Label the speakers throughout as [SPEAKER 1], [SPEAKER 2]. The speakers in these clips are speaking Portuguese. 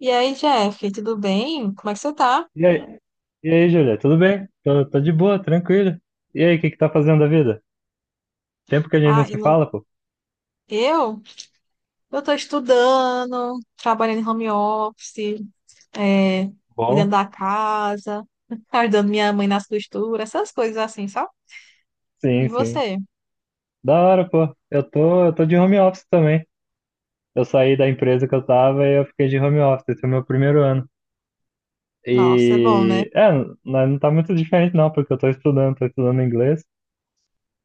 [SPEAKER 1] E aí, Jeff, tudo bem? Como é que você tá?
[SPEAKER 2] E aí, e aí, Júlia, tudo bem? Tô de boa, tranquilo. E aí, o que que tá fazendo da vida? Tempo que a gente
[SPEAKER 1] Ah,
[SPEAKER 2] não se
[SPEAKER 1] eu, não-
[SPEAKER 2] fala, pô.
[SPEAKER 1] eu eu tô estudando, trabalhando em home office, é, cuidando
[SPEAKER 2] Bom,
[SPEAKER 1] da casa, ajudando minha mãe nas costuras, essas coisas assim, sabe? E
[SPEAKER 2] sim, sim.
[SPEAKER 1] você?
[SPEAKER 2] Da hora, pô. Eu tô de home office também. Eu saí da empresa que eu tava e eu fiquei de home office. Esse é o meu primeiro ano.
[SPEAKER 1] Nossa, é bom, né?
[SPEAKER 2] E, é, não não tá muito diferente não, porque eu tô estudando inglês,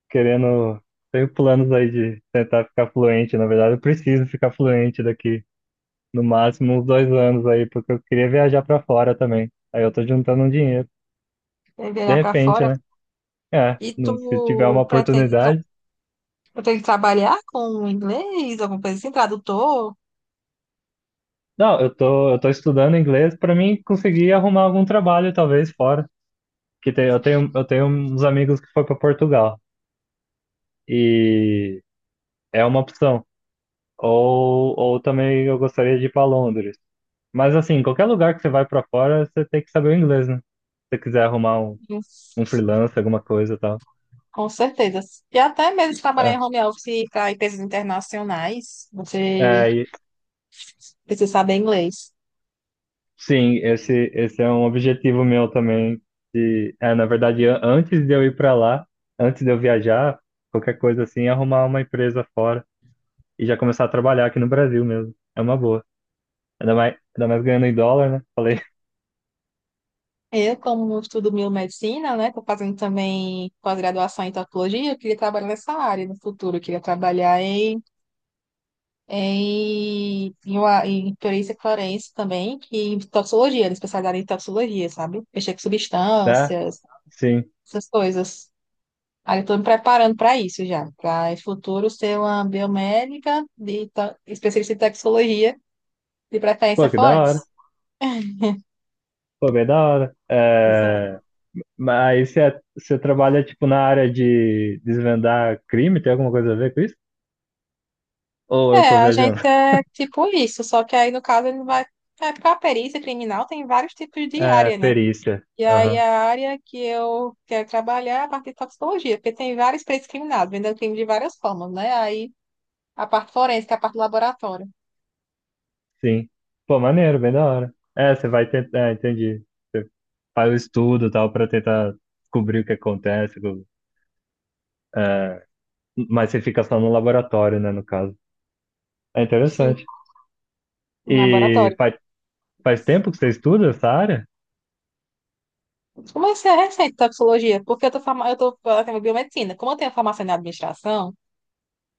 [SPEAKER 2] querendo, tenho planos aí de tentar ficar fluente. Na verdade, eu preciso ficar fluente daqui no máximo uns 2 anos aí, porque eu queria viajar pra fora também. Aí eu tô juntando um dinheiro.
[SPEAKER 1] É
[SPEAKER 2] De
[SPEAKER 1] viajar pra
[SPEAKER 2] repente,
[SPEAKER 1] fora.
[SPEAKER 2] né? É,
[SPEAKER 1] E tu
[SPEAKER 2] se tiver uma
[SPEAKER 1] pretende,
[SPEAKER 2] oportunidade.
[SPEAKER 1] pretende trabalhar com inglês, alguma coisa assim, tradutor?
[SPEAKER 2] Não, eu tô estudando inglês pra mim conseguir arrumar algum trabalho, talvez, fora. Que tem, eu tenho uns amigos que foram pra Portugal. E é uma opção. Ou também eu gostaria de ir pra Londres. Mas assim, qualquer lugar que você vai pra fora, você tem que saber o inglês, né? Se você quiser arrumar um freelancer, alguma coisa e tal.
[SPEAKER 1] Com certeza. E até mesmo trabalhar em
[SPEAKER 2] É.
[SPEAKER 1] home office para empresas internacionais, você
[SPEAKER 2] É,
[SPEAKER 1] precisa saber inglês.
[SPEAKER 2] sim, esse é um objetivo meu também. Na verdade, antes de eu ir para lá, antes de eu viajar, qualquer coisa assim, arrumar uma empresa fora e já começar a trabalhar aqui no Brasil mesmo. É uma boa. Ainda mais ganhando em dólar, né? Falei,
[SPEAKER 1] Eu, como estudo biomedicina, né, estou fazendo também pós-graduação em tatuologia, eu queria trabalhar nessa área no futuro, eu queria trabalhar em perícia forense também, que em toxicologia, era especializada em toxicologia, sabe? Mexer com
[SPEAKER 2] tá?
[SPEAKER 1] substâncias,
[SPEAKER 2] Sim.
[SPEAKER 1] essas coisas. Aí eu estou me preparando para isso já, para em futuro ser uma biomédica especialista em toxicologia, de preferência
[SPEAKER 2] Pô, que da
[SPEAKER 1] forense.
[SPEAKER 2] hora. Pô, bem da hora.
[SPEAKER 1] Pois é.
[SPEAKER 2] É, mas você trabalha, tipo, na área de desvendar crime? Tem alguma coisa a ver com isso? Ou eu
[SPEAKER 1] É,
[SPEAKER 2] tô
[SPEAKER 1] a gente
[SPEAKER 2] viajando?
[SPEAKER 1] é tipo isso, só que aí no caso ele vai. É, porque a perícia criminal tem vários tipos de
[SPEAKER 2] É,
[SPEAKER 1] área, né?
[SPEAKER 2] perícia.
[SPEAKER 1] E aí a área que eu quero trabalhar é a parte de toxicologia, porque tem vários peritos criminais, vendendo crime de várias formas, né? Aí a parte forense, que é a parte do laboratório.
[SPEAKER 2] Sim. Pô, maneiro, bem da hora. É, você vai tentar, entendi. Faz o estudo e tal pra tentar descobrir o que acontece. É, mas você fica só no laboratório, né, no caso. É
[SPEAKER 1] Sim,
[SPEAKER 2] interessante.
[SPEAKER 1] um
[SPEAKER 2] E
[SPEAKER 1] laboratório.
[SPEAKER 2] faz tempo que você estuda essa área?
[SPEAKER 1] Como é que é recente toxicologia? Porque eu tô eu tenho biomedicina. Como eu tenho formação em administração,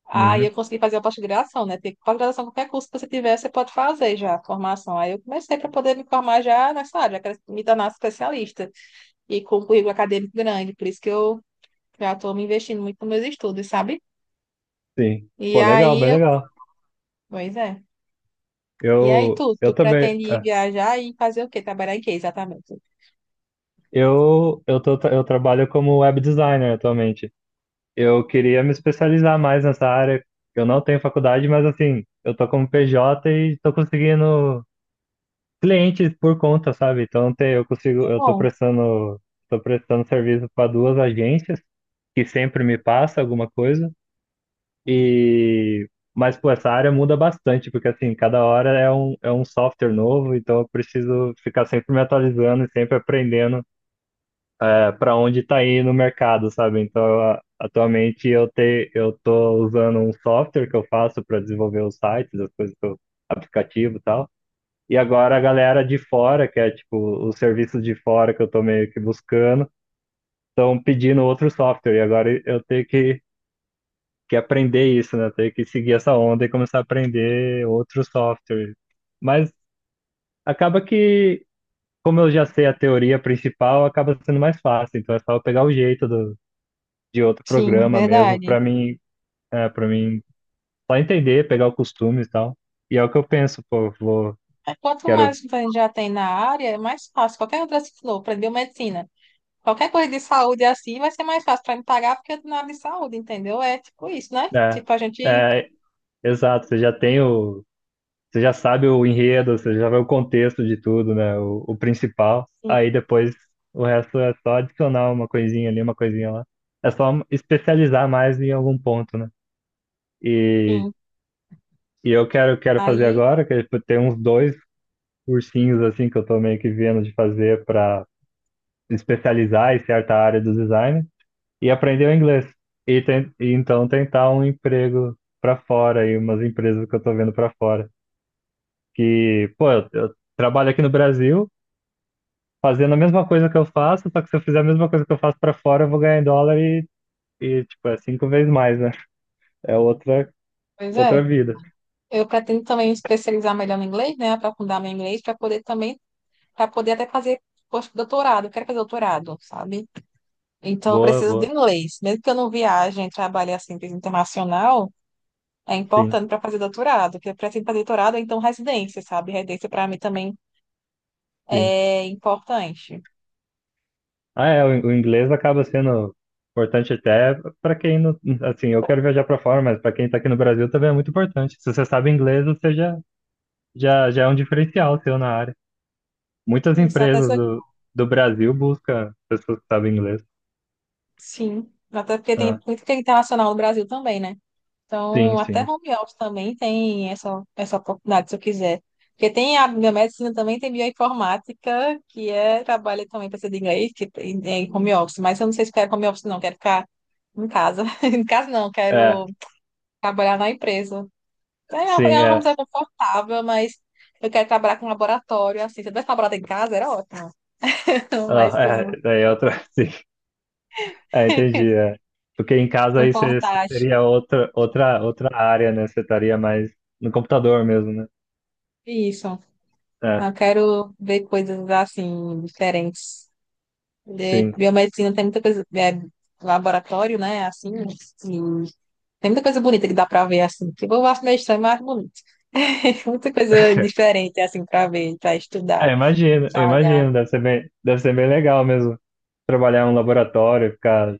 [SPEAKER 1] aí
[SPEAKER 2] Uhum.
[SPEAKER 1] eu consegui fazer a pós-graduação, né? Porque pós-graduação, qualquer curso que você tiver, você pode fazer já a formação. Aí eu comecei para poder me formar já nessa área, quero me tornar especialista e com um currículo acadêmico grande. Por isso que eu já estou me investindo muito nos meus estudos, sabe?
[SPEAKER 2] Sim.
[SPEAKER 1] E
[SPEAKER 2] Pô, legal,
[SPEAKER 1] aí,
[SPEAKER 2] bem
[SPEAKER 1] eu...
[SPEAKER 2] legal.
[SPEAKER 1] Pois é. E aí,
[SPEAKER 2] Eu,
[SPEAKER 1] tu
[SPEAKER 2] eu também,
[SPEAKER 1] pretende ir viajar e fazer o quê? Trabalhar em quê, exatamente?
[SPEAKER 2] eu trabalho como web designer atualmente. Eu queria me especializar mais nessa área. Eu não tenho faculdade, mas assim, eu tô como PJ e tô conseguindo clientes por conta, sabe? Então tem, eu consigo,
[SPEAKER 1] É bom.
[SPEAKER 2] tô prestando serviço para duas agências que sempre me passa alguma coisa e mas pô, essa área muda bastante, porque assim, cada hora é um software novo, então eu preciso ficar sempre me atualizando e sempre aprendendo para onde está indo o mercado, sabe? Então, atualmente eu tô usando um software que eu faço para desenvolver os sites, as coisas que eu, aplicativo e tal. E agora a galera de fora, que é tipo os serviços de fora que eu tô meio que buscando, estão pedindo outro software. E agora eu tenho que aprender isso, né? Tenho que seguir essa onda e começar a aprender outro software. Mas acaba que, como eu já sei a teoria principal, acaba sendo mais fácil. Então é só eu pegar o jeito de outro
[SPEAKER 1] Sim,
[SPEAKER 2] programa mesmo,
[SPEAKER 1] verdade.
[SPEAKER 2] para mim só entender, pegar o costume e tal. E é o que eu penso, pô,
[SPEAKER 1] Quanto
[SPEAKER 2] quero.
[SPEAKER 1] mais a gente já tem na área, é mais fácil. Qualquer outra, se for, para biomedicina, qualquer coisa de saúde assim, vai ser mais fácil para me pagar porque eu tô na área de saúde, entendeu? É tipo isso, né?
[SPEAKER 2] É,
[SPEAKER 1] Tipo, a gente.
[SPEAKER 2] é, exato, você já sabe o enredo, você já vê o contexto de tudo, né? O principal.
[SPEAKER 1] Sim,
[SPEAKER 2] Aí depois o resto é só adicionar uma coisinha ali, uma coisinha lá. É só especializar mais em algum ponto, né? E,
[SPEAKER 1] sim.
[SPEAKER 2] e eu quero fazer
[SPEAKER 1] Aí,
[SPEAKER 2] agora, que é, tipo, tem uns dois cursinhos assim que eu tô meio que vendo de fazer para especializar em certa área do design e aprender o inglês. E então tentar um emprego para fora e umas empresas que eu tô vendo para fora. Que, pô, eu trabalho aqui no Brasil fazendo a mesma coisa que eu faço, só que se eu fizer a mesma coisa que eu faço pra fora, eu vou ganhar em dólar e tipo, é cinco vezes mais, né? É outra,
[SPEAKER 1] pois é.
[SPEAKER 2] outra vida.
[SPEAKER 1] Eu pretendo também especializar melhor no inglês, né? Aprofundar meu inglês para poder também, para poder até fazer pós-doutorado. Eu quero fazer doutorado, sabe? Então, eu
[SPEAKER 2] Boa,
[SPEAKER 1] preciso de
[SPEAKER 2] boa.
[SPEAKER 1] inglês. Mesmo que eu não viaje, trabalhe assim, internacional. É
[SPEAKER 2] Sim,
[SPEAKER 1] importante para fazer doutorado, porque para fazer doutorado, é, então residência, sabe? Residência para mim também
[SPEAKER 2] sim.
[SPEAKER 1] é importante.
[SPEAKER 2] Ah, é, o inglês acaba sendo importante até pra quem não, assim, eu quero viajar pra fora, mas pra quem tá aqui no Brasil também é muito importante. Se você sabe inglês, você já é um diferencial seu na área. Muitas
[SPEAKER 1] Isso, até
[SPEAKER 2] empresas
[SPEAKER 1] se-
[SPEAKER 2] do Brasil buscam pessoas que sabem inglês.
[SPEAKER 1] sim, até porque tem
[SPEAKER 2] Ah,
[SPEAKER 1] muito que é internacional no Brasil também, né?
[SPEAKER 2] sim,
[SPEAKER 1] Então, até
[SPEAKER 2] sim.
[SPEAKER 1] home office também tem essa oportunidade, se eu quiser. Porque tem a biomedicina também, tem bioinformática, que é, trabalha também para ser de inglês, é em home office. Mas eu não sei se quero home office, não, quero ficar em casa. Em casa não,
[SPEAKER 2] É,
[SPEAKER 1] quero trabalhar na empresa. É É uma
[SPEAKER 2] sim, é.
[SPEAKER 1] coisa confortável, mas eu quero trabalhar com laboratório, assim. Se eu tivesse laboratório em casa, era ótimo.
[SPEAKER 2] Ah,
[SPEAKER 1] Mas com
[SPEAKER 2] é, daí é outra, sim. Ah, entendi. É. Porque em casa
[SPEAKER 1] um
[SPEAKER 2] aí você
[SPEAKER 1] portátil.
[SPEAKER 2] seria outra área, né? Você estaria mais no computador mesmo, né?
[SPEAKER 1] Isso.
[SPEAKER 2] É,
[SPEAKER 1] Eu quero ver coisas, assim, diferentes. De
[SPEAKER 2] sim.
[SPEAKER 1] biomedicina tem muita coisa... é, laboratório, né? Assim, e tem muita coisa bonita que dá pra ver, assim. Tipo, eu acho meio estranho, mas acho bonito. Muita coisa diferente, assim, pra ver, pra estudar,
[SPEAKER 2] É, imagino, eu
[SPEAKER 1] pra olhar.
[SPEAKER 2] imagino. Deve ser bem legal mesmo trabalhar em um laboratório, ficar,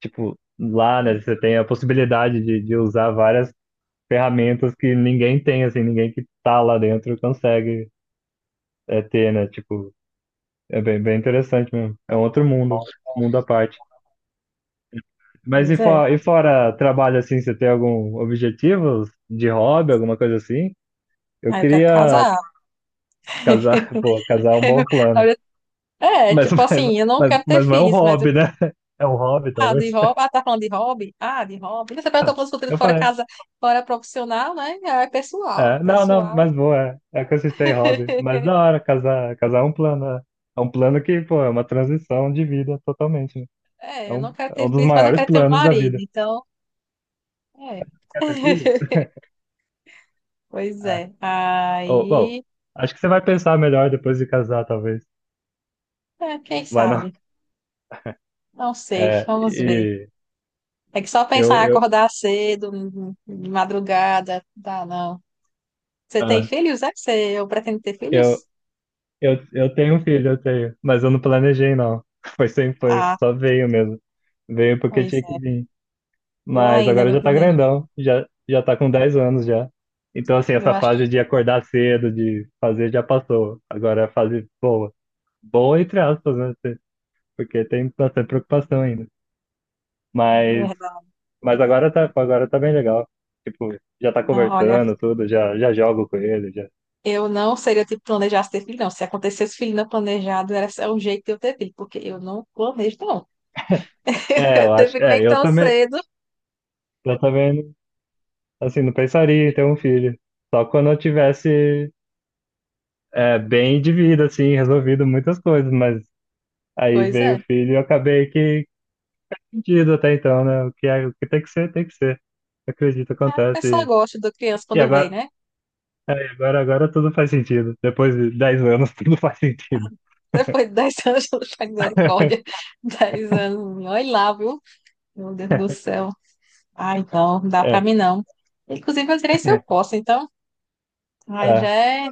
[SPEAKER 2] tipo, lá, né?
[SPEAKER 1] É,
[SPEAKER 2] Você tem a possibilidade de usar várias ferramentas que ninguém tem, assim, ninguém que tá lá dentro consegue ter, né? Tipo, é bem, bem interessante mesmo. É um outro mundo, mundo à parte. Mas e
[SPEAKER 1] pois é.
[SPEAKER 2] fora, e fora trabalho assim, você tem algum objetivo de hobby, alguma coisa assim? Eu
[SPEAKER 1] Aí eu quero
[SPEAKER 2] queria
[SPEAKER 1] casar.
[SPEAKER 2] casar, pô, casar é um bom plano.
[SPEAKER 1] É,
[SPEAKER 2] Mas,
[SPEAKER 1] tipo assim, eu não
[SPEAKER 2] mas, mas,
[SPEAKER 1] quero ter
[SPEAKER 2] mas não é um
[SPEAKER 1] filhos, mas eu.
[SPEAKER 2] hobby, né? É um hobby,
[SPEAKER 1] Ah, de
[SPEAKER 2] talvez.
[SPEAKER 1] hobby. Ah, tá falando de hobby? Ah, de hobby. Você perguntou pelos conteúdos
[SPEAKER 2] Eu
[SPEAKER 1] fora
[SPEAKER 2] falei.
[SPEAKER 1] casa, fora profissional, né? Ah, é pessoal,
[SPEAKER 2] É, não, não,
[SPEAKER 1] pessoal.
[SPEAKER 2] mas boa, é consistente em hobby. Mas da hora, casar, casar é um plano. É, é um plano que, pô, é uma transição de vida totalmente, né? É
[SPEAKER 1] É, eu não
[SPEAKER 2] um,
[SPEAKER 1] quero
[SPEAKER 2] é um
[SPEAKER 1] ter
[SPEAKER 2] dos
[SPEAKER 1] filhos, mas eu
[SPEAKER 2] maiores
[SPEAKER 1] quero ter um
[SPEAKER 2] planos da
[SPEAKER 1] marido,
[SPEAKER 2] vida.
[SPEAKER 1] então. É.
[SPEAKER 2] Quer ter filho?
[SPEAKER 1] Pois
[SPEAKER 2] É.
[SPEAKER 1] é.
[SPEAKER 2] Bom,
[SPEAKER 1] Aí.
[SPEAKER 2] acho que você vai pensar melhor depois de casar, talvez.
[SPEAKER 1] É, quem
[SPEAKER 2] Vai não.
[SPEAKER 1] sabe? Não sei,
[SPEAKER 2] É.
[SPEAKER 1] vamos ver.
[SPEAKER 2] e
[SPEAKER 1] É que só
[SPEAKER 2] eu,
[SPEAKER 1] pensar em
[SPEAKER 2] eu,
[SPEAKER 1] acordar cedo, de madrugada, dá não. Você tem
[SPEAKER 2] ah,
[SPEAKER 1] filhos, é? Você, eu pretendo ter
[SPEAKER 2] eu,
[SPEAKER 1] filhos?
[SPEAKER 2] eu, eu tenho um filho, eu tenho, mas eu não planejei, não. Foi sem, foi,
[SPEAKER 1] Ah,
[SPEAKER 2] Só veio mesmo. Veio porque
[SPEAKER 1] pois
[SPEAKER 2] tinha que
[SPEAKER 1] é.
[SPEAKER 2] vir.
[SPEAKER 1] Eu
[SPEAKER 2] Mas
[SPEAKER 1] ainda
[SPEAKER 2] agora
[SPEAKER 1] não
[SPEAKER 2] já tá
[SPEAKER 1] planejo.
[SPEAKER 2] grandão, já, já tá com 10 anos já. Então, assim,
[SPEAKER 1] Eu
[SPEAKER 2] essa fase
[SPEAKER 1] acho.
[SPEAKER 2] de acordar cedo, de fazer, já passou. Agora é a fase boa. Boa, entre aspas, né? Porque tem bastante preocupação ainda. Mas,
[SPEAKER 1] Verdade.
[SPEAKER 2] mas agora tá bem legal. Tipo, já tá
[SPEAKER 1] Não, olha,
[SPEAKER 2] conversando, tudo, já jogo com ele, já.
[SPEAKER 1] eu não seria tipo planejasse ter filho, não. Se acontecesse filho não planejado, era só um jeito de eu ter filho, porque eu não planejo, não.
[SPEAKER 2] É, eu
[SPEAKER 1] Ter
[SPEAKER 2] acho.
[SPEAKER 1] filho nem
[SPEAKER 2] É, eu
[SPEAKER 1] tão
[SPEAKER 2] também,
[SPEAKER 1] cedo.
[SPEAKER 2] Eu também, não- assim, não pensaria em ter um filho. Só quando eu tivesse bem de vida, assim, resolvido muitas coisas, mas aí
[SPEAKER 1] Pois
[SPEAKER 2] veio o
[SPEAKER 1] é.
[SPEAKER 2] filho e eu acabei que perdido até então, né? O que, o que tem que ser, tem que ser. Acredito,
[SPEAKER 1] A pessoa
[SPEAKER 2] acontece.
[SPEAKER 1] gosta da criança
[SPEAKER 2] E
[SPEAKER 1] quando vem,
[SPEAKER 2] agora,
[SPEAKER 1] né?
[SPEAKER 2] agora tudo faz sentido. Depois de 10 anos, tudo faz sentido.
[SPEAKER 1] Depois de 10 anos, de misericórdia. 10 anos, olha lá, viu? Meu Deus do céu. Ai, não, não dá pra
[SPEAKER 2] É,
[SPEAKER 1] mim, não. Inclusive, eu direi se eu posso, então. Ai, já
[SPEAKER 2] é,
[SPEAKER 1] é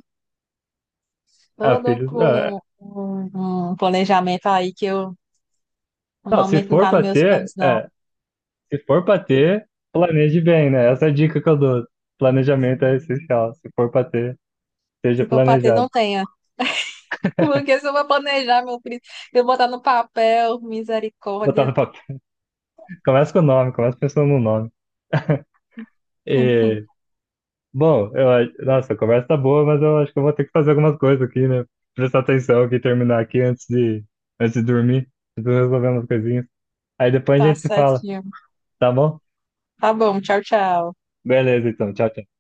[SPEAKER 2] é,
[SPEAKER 1] todo
[SPEAKER 2] filho, é.
[SPEAKER 1] um planejamento aí que eu, no
[SPEAKER 2] Não, se
[SPEAKER 1] momento, não
[SPEAKER 2] for
[SPEAKER 1] tá nos
[SPEAKER 2] pra
[SPEAKER 1] meus planos,
[SPEAKER 2] ter,
[SPEAKER 1] não.
[SPEAKER 2] se for pra ter, planeje bem, né? Essa é a dica que eu dou. Planejamento é essencial. Se for pra ter, seja
[SPEAKER 1] Se for pra ter, não
[SPEAKER 2] planejado.
[SPEAKER 1] tenho. Porque se eu vou planejar, meu filho, eu vou botar no papel,
[SPEAKER 2] Botar
[SPEAKER 1] misericórdia.
[SPEAKER 2] no papel. Começa com o nome, começa pensando no nome. E, bom, nossa, a conversa tá boa, mas eu acho que eu vou ter que fazer algumas coisas aqui, né? Prestar atenção aqui, terminar aqui antes de dormir. Preciso resolver umas coisinhas. Aí depois a
[SPEAKER 1] Tá
[SPEAKER 2] gente se fala,
[SPEAKER 1] certinho.
[SPEAKER 2] tá bom?
[SPEAKER 1] Tá bom, tchau, tchau.
[SPEAKER 2] Beleza, então. Tchau, tchau.